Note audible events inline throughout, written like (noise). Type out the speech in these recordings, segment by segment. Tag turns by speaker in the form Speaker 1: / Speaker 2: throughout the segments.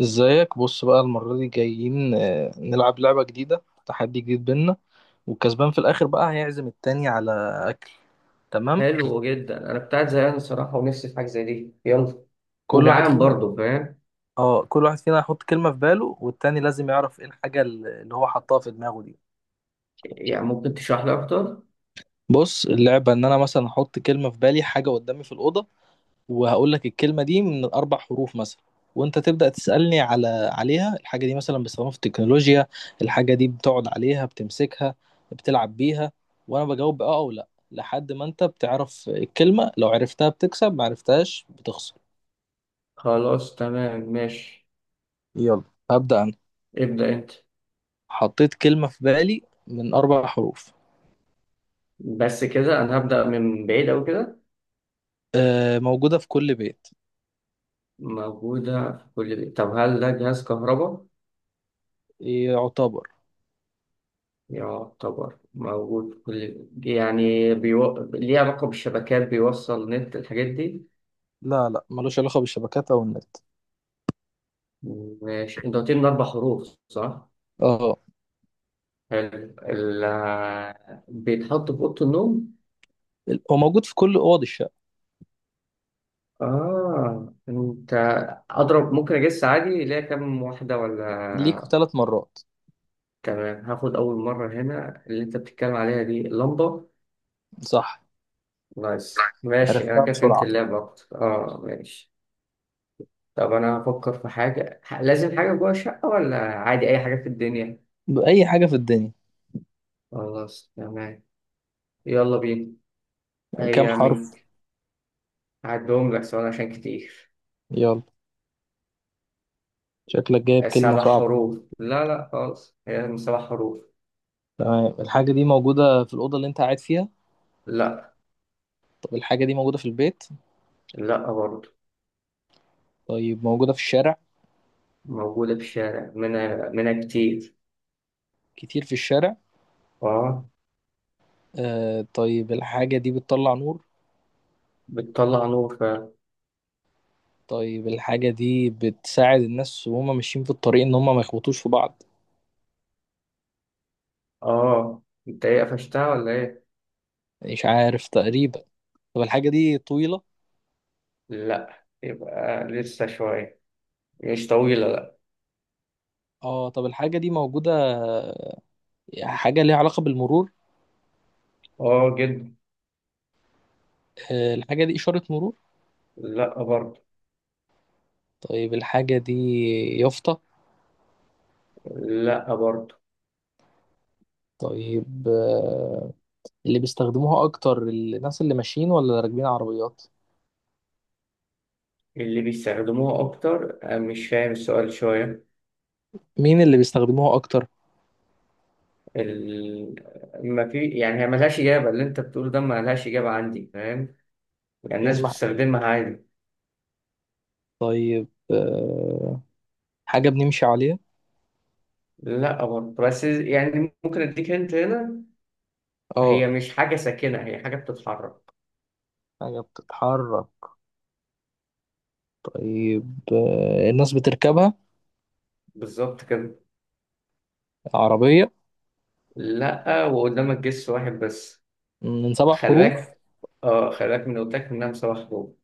Speaker 1: ازيك. بص بقى، المرة دي جايين نلعب لعبة جديدة، تحدي جديد بينا. والكسبان في الآخر بقى هيعزم التاني على أكل. تمام.
Speaker 2: حلو جدا، انا كنت قاعد زهقان الصراحه ونفسي في حاجه زي دي. يلا.
Speaker 1: كل واحد
Speaker 2: وجعان
Speaker 1: فينا،
Speaker 2: برضه، فاهم؟
Speaker 1: اه، كل واحد فينا هيحط كلمة في باله، والتاني لازم يعرف ايه الحاجة اللي هو حطها في دماغه دي.
Speaker 2: يعني ممكن تشرح لي اكتر؟
Speaker 1: بص، اللعبة ان انا مثلا احط كلمة في بالي، حاجة قدامي في الأوضة، وهقول لك الكلمة دي من 4 حروف مثلا، وأنت تبدأ تسألني عليها. الحاجة دي مثلا بيستخدموها في التكنولوجيا، الحاجة دي بتقعد عليها، بتمسكها، بتلعب بيها، وأنا بجاوب بأه أو لأ لحد ما أنت بتعرف الكلمة. لو عرفتها بتكسب، ما عرفتهاش بتخسر.
Speaker 2: خلاص تمام ماشي.
Speaker 1: يلا، هبدأ أنا.
Speaker 2: ابدا انت.
Speaker 1: حطيت كلمة في بالي من 4 حروف.
Speaker 2: بس كده انا هبدا من بعيد او كده.
Speaker 1: آه، موجودة في كل بيت.
Speaker 2: موجوده في كل بيت؟ طب هل ده جهاز كهرباء؟
Speaker 1: يعتبر.
Speaker 2: يعتبر موجود في كل بيت. يعني ليه علاقه بالشبكات؟ بيوصل نت الحاجات دي؟
Speaker 1: لا لا، ملوش علاقة بالشبكات أو النت.
Speaker 2: ماشي، انت قلت لي من اربع حروف، صح؟
Speaker 1: اه.
Speaker 2: حلو. بيتحط في اوضه النوم؟
Speaker 1: هو موجود في كل أوض الشقة.
Speaker 2: آه أنت. أضرب، ممكن أجس عادي ليها كام واحدة
Speaker 1: ليك
Speaker 2: ولا؟
Speaker 1: 3 مرات.
Speaker 2: تمام، هاخد أول مرة. هنا اللي أنت بتتكلم عليها دي اللمبة.
Speaker 1: صح.
Speaker 2: نايس ماشي، أنا
Speaker 1: عرفتها
Speaker 2: كده فهمت
Speaker 1: بسرعة.
Speaker 2: اللعبة أكتر. آه ماشي. طب أنا هفكر في حاجة، لازم حاجة جوه الشقة ولا عادي أي حاجة في الدنيا؟
Speaker 1: بأي حاجة في الدنيا.
Speaker 2: خلاص تمام. يلا بينا.
Speaker 1: كام
Speaker 2: هي من...
Speaker 1: حرف؟
Speaker 2: هعدهم لك سؤال عشان كتير.
Speaker 1: يلا. شكلك جايب كلمة
Speaker 2: سبع
Speaker 1: صعبة.
Speaker 2: حروف. لا لا خالص، هي من سبع حروف.
Speaker 1: تمام، الحاجة دي موجودة في الأوضة اللي أنت قاعد فيها؟
Speaker 2: لا.
Speaker 1: طب الحاجة دي موجودة في البيت؟
Speaker 2: لا برضه.
Speaker 1: طيب موجودة في الشارع؟
Speaker 2: موجودة في الشارع، منها كتير.
Speaker 1: كتير في الشارع؟
Speaker 2: اه.
Speaker 1: آه، طيب الحاجة دي بتطلع نور؟
Speaker 2: بتطلع نور فعلا.
Speaker 1: طيب الحاجة دي بتساعد الناس وهم ماشيين في الطريق إن هم ما يخبطوش في بعض؟
Speaker 2: اه. انت ايه، قفشتها ولا ايه؟
Speaker 1: مش عارف تقريبا. طب الحاجة دي طويلة؟
Speaker 2: لا يبقى لسه شوية. مش طويلة لا.
Speaker 1: اه، طب الحاجة دي موجودة، حاجة ليها علاقة بالمرور؟
Speaker 2: اه جدا.
Speaker 1: آه، الحاجة دي إشارة مرور؟
Speaker 2: لا برضه.
Speaker 1: طيب الحاجة دي يافطة؟
Speaker 2: لا برضه.
Speaker 1: طيب اللي بيستخدموها اكتر الناس اللي ماشيين ولا اللي راكبين عربيات؟
Speaker 2: اللي بيستخدموها أكتر؟ مش فاهم السؤال شوية.
Speaker 1: مين اللي بيستخدموها اكتر؟
Speaker 2: ال... ما في يعني، هي ملهاش إجابة، اللي أنت بتقوله ده ملهاش إجابة عندي، فاهم؟ يعني
Speaker 1: يعني
Speaker 2: الناس
Speaker 1: مع...
Speaker 2: بتستخدمها عادي.
Speaker 1: طيب حاجة بنمشي عليها؟
Speaker 2: لا برضه، بس يعني ممكن أديك هنت هنا.
Speaker 1: اه،
Speaker 2: هي مش حاجة ساكنة، هي حاجة بتتحرك.
Speaker 1: حاجة بتتحرك. طيب الناس بتركبها؟
Speaker 2: بالظبط كده.
Speaker 1: عربية؟
Speaker 2: لا، وقدامك جيش واحد بس.
Speaker 1: من سبع
Speaker 2: خلي
Speaker 1: حروف
Speaker 2: بالك. اه خلي بالك، من قلت لك انها مسابقة حروب.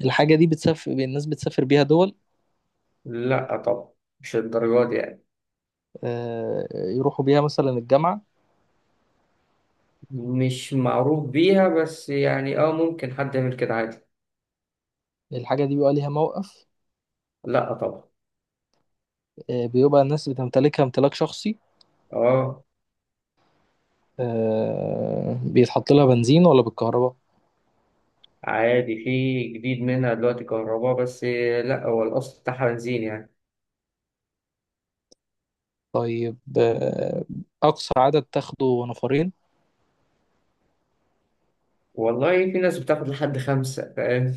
Speaker 1: الحاجة دي بتسافر، الناس بتسافر بيها دول؟
Speaker 2: لا طبعا. مش الدرجات دي يعني.
Speaker 1: آه، يروحوا بيها مثلا الجامعة؟
Speaker 2: مش معروف بيها بس يعني، اه ممكن حد يعمل كده عادي.
Speaker 1: الحاجة دي بيبقى ليها موقف؟
Speaker 2: لا طبعا.
Speaker 1: آه، بيبقى الناس بتمتلكها امتلاك شخصي؟
Speaker 2: اه
Speaker 1: آه، بيتحط لها بنزين ولا بالكهرباء؟
Speaker 2: عادي، في جديد منها دلوقتي كهرباء بس. لا هو الاصل بتاعها بنزين يعني.
Speaker 1: طيب أقصى عدد تاخده نفرين؟
Speaker 2: والله في ناس بتاخد لحد خمسة، فاهم؟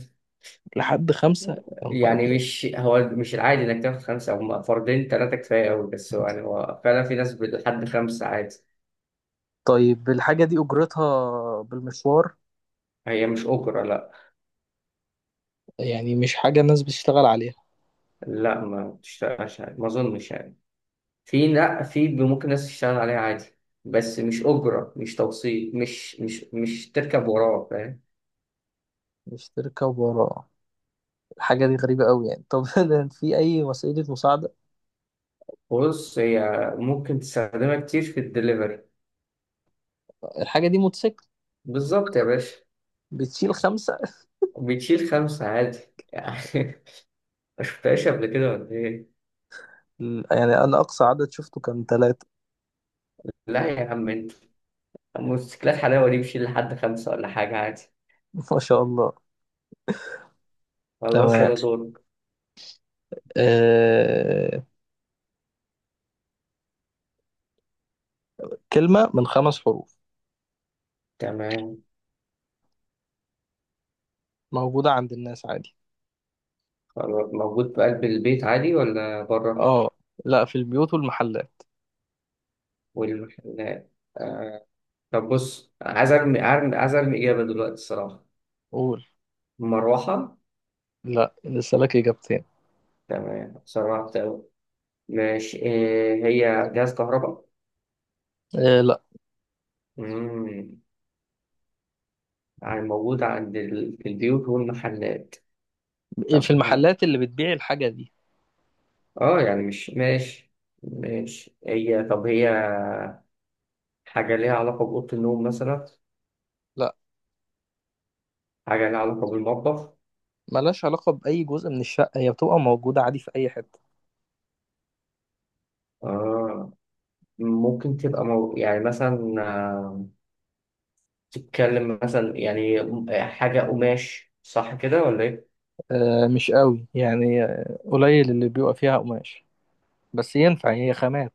Speaker 1: لحد 5؟ يا نهار
Speaker 2: يعني
Speaker 1: أبيض.
Speaker 2: مش هو، مش العادي انك تاخد خمسة، هم فردين تلاتة كفاية أوي، بس هو يعني هو فعلا في ناس لحد خمسة عادي.
Speaker 1: طيب الحاجة دي أجرتها بالمشوار؟
Speaker 2: هي مش اوبرا لا.
Speaker 1: يعني مش حاجة الناس بتشتغل عليها؟
Speaker 2: لا، ما بتشتغلش عادي، ما اظنش يعني. في، لا في ممكن ناس تشتغل عليها عادي. بس مش اوبرا، مش توصيل، مش تركب وراه، فاهم؟
Speaker 1: مش تركب ورا. الحاجة دي غريبة أوي يعني. طب (laughs) ده في أي وسيلة مساعدة؟
Speaker 2: بص هي ممكن تستخدمها كتير في الدليفري.
Speaker 1: الحاجة دي موتوسيكل؟
Speaker 2: بالظبط يا باشا.
Speaker 1: بتشيل 5؟
Speaker 2: بتشيل خمسة عادي يعني. (laughs) ما شفتهاش قبل كده ولا ايه؟
Speaker 1: يعني أنا أقصى عدد شفته كان 3.
Speaker 2: لا يا عم انت، موتوسيكلات حلاوة دي بتشيل لحد خمسة ولا حاجة عادي.
Speaker 1: (laughs) ما شاء الله.
Speaker 2: خلاص
Speaker 1: تمام.
Speaker 2: يلا دورك.
Speaker 1: آه... كلمة من 5 حروف.
Speaker 2: تمام.
Speaker 1: موجودة عند الناس عادي.
Speaker 2: خلاص، موجود في قلب البيت عادي ولا بره؟
Speaker 1: اه. لا، في البيوت والمحلات.
Speaker 2: والمحلات. طب بص، عايز ارمي، ارمي، عايز ارمي اجابه دلوقتي الصراحه.
Speaker 1: قول.
Speaker 2: مروحه.
Speaker 1: لا، لسه لك اجابتين.
Speaker 2: تمام، سرعت أوي. ماشي، إيه هي جهاز كهرباء؟
Speaker 1: آه لا.
Speaker 2: امم يعني موجود عند في البيوت والمحلات.
Speaker 1: إيه، في
Speaker 2: طب ها.
Speaker 1: المحلات اللي بتبيع الحاجه دي.
Speaker 2: اه يعني مش ماشي. ماشي. هي، طب هي حاجه ليها علاقه باوضه النوم مثلا؟
Speaker 1: لا.
Speaker 2: حاجه ليها علاقه بالمطبخ؟
Speaker 1: ملهاش علاقه باي جزء من الشقه، هي بتبقى موجوده عادي في اي حته.
Speaker 2: اه. ممكن تبقى يعني مثلا، آه، تتكلم مثلا يعني، حاجه قماش، صح كده ولا ايه؟
Speaker 1: آه مش قوي يعني، قليل اللي بيبقى فيها قماش، بس ينفع هي خامات.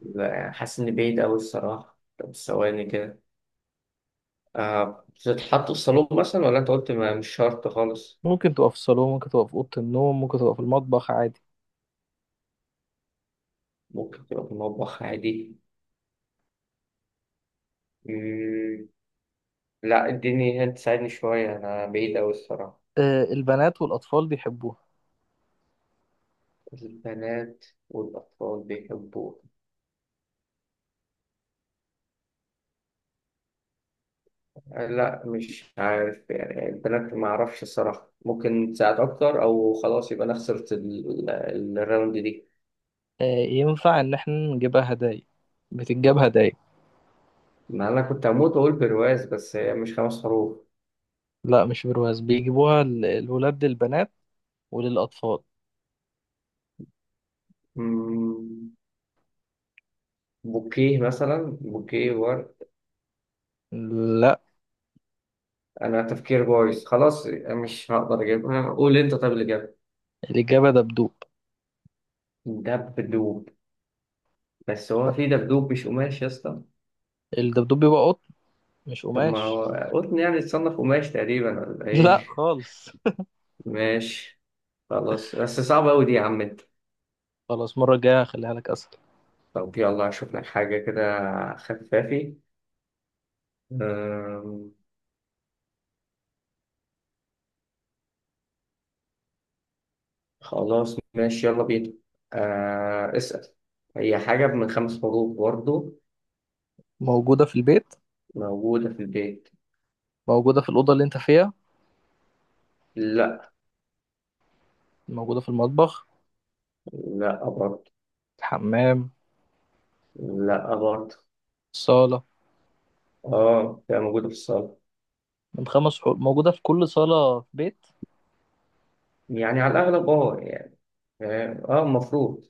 Speaker 2: لا يعني حاسس إن بعيد أوي الصراحة، طب ثواني كده. آه بتتحط في الصالون مثلا ولا أنت قلت ما مش شرط خالص؟
Speaker 1: ممكن تبقى في الصالون، ممكن تبقى في اوضه النوم، ممكن تبقى في المطبخ عادي.
Speaker 2: ممكن تبقى في المطبخ عادي. مم. لا اديني هنت، ساعدني شوية، أنا بعيد أوي الصراحة.
Speaker 1: آه البنات والاطفال بيحبوها.
Speaker 2: البنات والأطفال بيحبوه؟ لا مش عارف يعني، البنات ما أعرفش الصراحة، ممكن تساعد أكتر أو خلاص يبقى أنا خسرت الراوند دي.
Speaker 1: آه ينفع ان احنا نجيبها هدايا؟ بتتجاب هدايا.
Speaker 2: ما أنا كنت هموت وأقول برواز، بس هي مش خمس حروف.
Speaker 1: لا مش برواز، بيجيبوها الولاد للبنات وللاطفال.
Speaker 2: مم. بوكيه مثلا، بوكيه ورد.
Speaker 1: لا.
Speaker 2: انا تفكير بايظ خلاص، مش هقدر اجيبها، قول انت، طب اللي جاب؟
Speaker 1: الاجابه دبدوب.
Speaker 2: دبدوب. بس هو في دبدوب مش قماش يا اسطى؟
Speaker 1: الدبدوب بيبقى قط، مش
Speaker 2: طب ما هو
Speaker 1: قماش.
Speaker 2: قطن يعني، تصنف قماش تقريبا ولا ايه؟
Speaker 1: لا خالص. (laughs)
Speaker 2: (laughs) ماشي. خلاص، بس صعبة أوي دي يا عم انت.
Speaker 1: خلاص، المرة الجاية هخليها لك أسهل.
Speaker 2: طب يلا هشوف لك حاجة كده. خفافي. أم، خلاص ماشي، يلا بينا. أه اسأل. هي حاجة من خمس حروف برضه.
Speaker 1: موجودة في البيت.
Speaker 2: موجودة في البيت.
Speaker 1: موجودة في الأوضة اللي أنت فيها؟
Speaker 2: لا.
Speaker 1: موجودة في المطبخ؟
Speaker 2: لا برضه.
Speaker 1: الحمام؟
Speaker 2: لا برضه.
Speaker 1: الصالة؟
Speaker 2: اه بتبقى موجودة في الصالة.
Speaker 1: من خمس حروف موجودة في كل صالة في بيت.
Speaker 2: يعني على الأغلب اه يعني، فاهم؟ اه المفروض.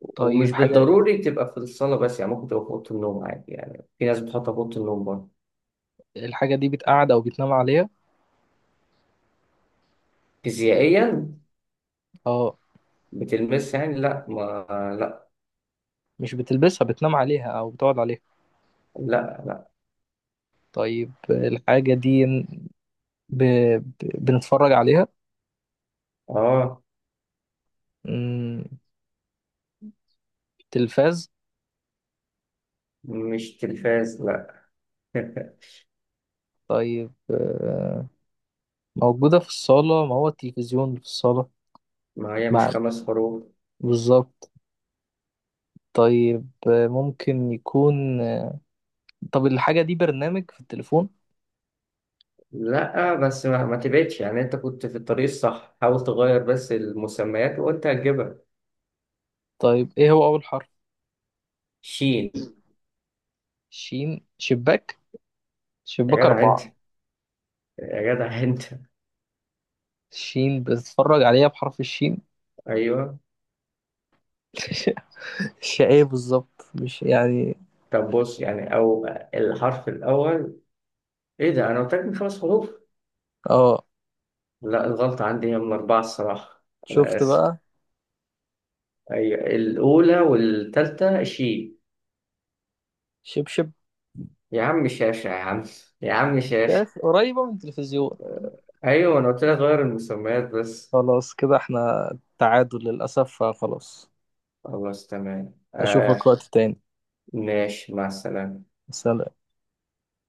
Speaker 2: ومش
Speaker 1: طيب حاجة،
Speaker 2: بالضروري تبقى في الصالة بس، يعني ممكن تبقى في أوضة النوم عادي، يعني في ناس بتحطها في أوضة النوم برضه.
Speaker 1: الحاجة دي بتقعد أو بتنام عليها؟
Speaker 2: فيزيائيا.
Speaker 1: اه.
Speaker 2: بتلمس يعني، لا ما. لا.
Speaker 1: مش بتلبسها، بتنام عليها أو بتقعد عليها.
Speaker 2: لا. لا
Speaker 1: طيب الحاجة دي ب... بنتفرج عليها؟
Speaker 2: اه.
Speaker 1: مم، تلفاز؟
Speaker 2: مش تلفاز لا. (laughs)
Speaker 1: طيب موجودة في الصالة، ما هو التلفزيون في الصالة.
Speaker 2: ما هي مش
Speaker 1: مع.
Speaker 2: خمس حروف.
Speaker 1: بالظبط. طيب آه، ممكن يكون آه، طب الحاجة دي برنامج في التليفون؟
Speaker 2: لا، بس ما تبعدش يعني، انت كنت في الطريق الصح، حاول تغير بس المسميات وانت هتجيبها.
Speaker 1: طيب ايه هو أول حرف؟
Speaker 2: شين.
Speaker 1: شين. شباك.
Speaker 2: يا
Speaker 1: شباك
Speaker 2: جدع انت،
Speaker 1: 4.
Speaker 2: يا جدع انت.
Speaker 1: شين بتتفرج عليها بحرف الشين.
Speaker 2: ايوه.
Speaker 1: (laughs) ش- ايه بالظبط مش يعني.
Speaker 2: طب بص يعني، أو الحرف الأول. إيه ده، أنا قلت لك من خمس حروف؟
Speaker 1: اه
Speaker 2: لا الغلطة عندي، هي من أربعة الصراحة. أنا
Speaker 1: شفت
Speaker 2: آسف.
Speaker 1: بقى.
Speaker 2: أيوة، الأولى والتالتة شي.
Speaker 1: شبشب.
Speaker 2: يا عم شاشة يا عم، يا عم شاشة.
Speaker 1: شاف قريبة من التلفزيون.
Speaker 2: أيوة، أنا قلت لك غير المسميات بس.
Speaker 1: خلاص، كده احنا تعادل للأسف، فخلاص.
Speaker 2: خلاص تمام
Speaker 1: أشوفك
Speaker 2: آه.
Speaker 1: وقت تاني.
Speaker 2: ماشي مع السلامة.
Speaker 1: سلام.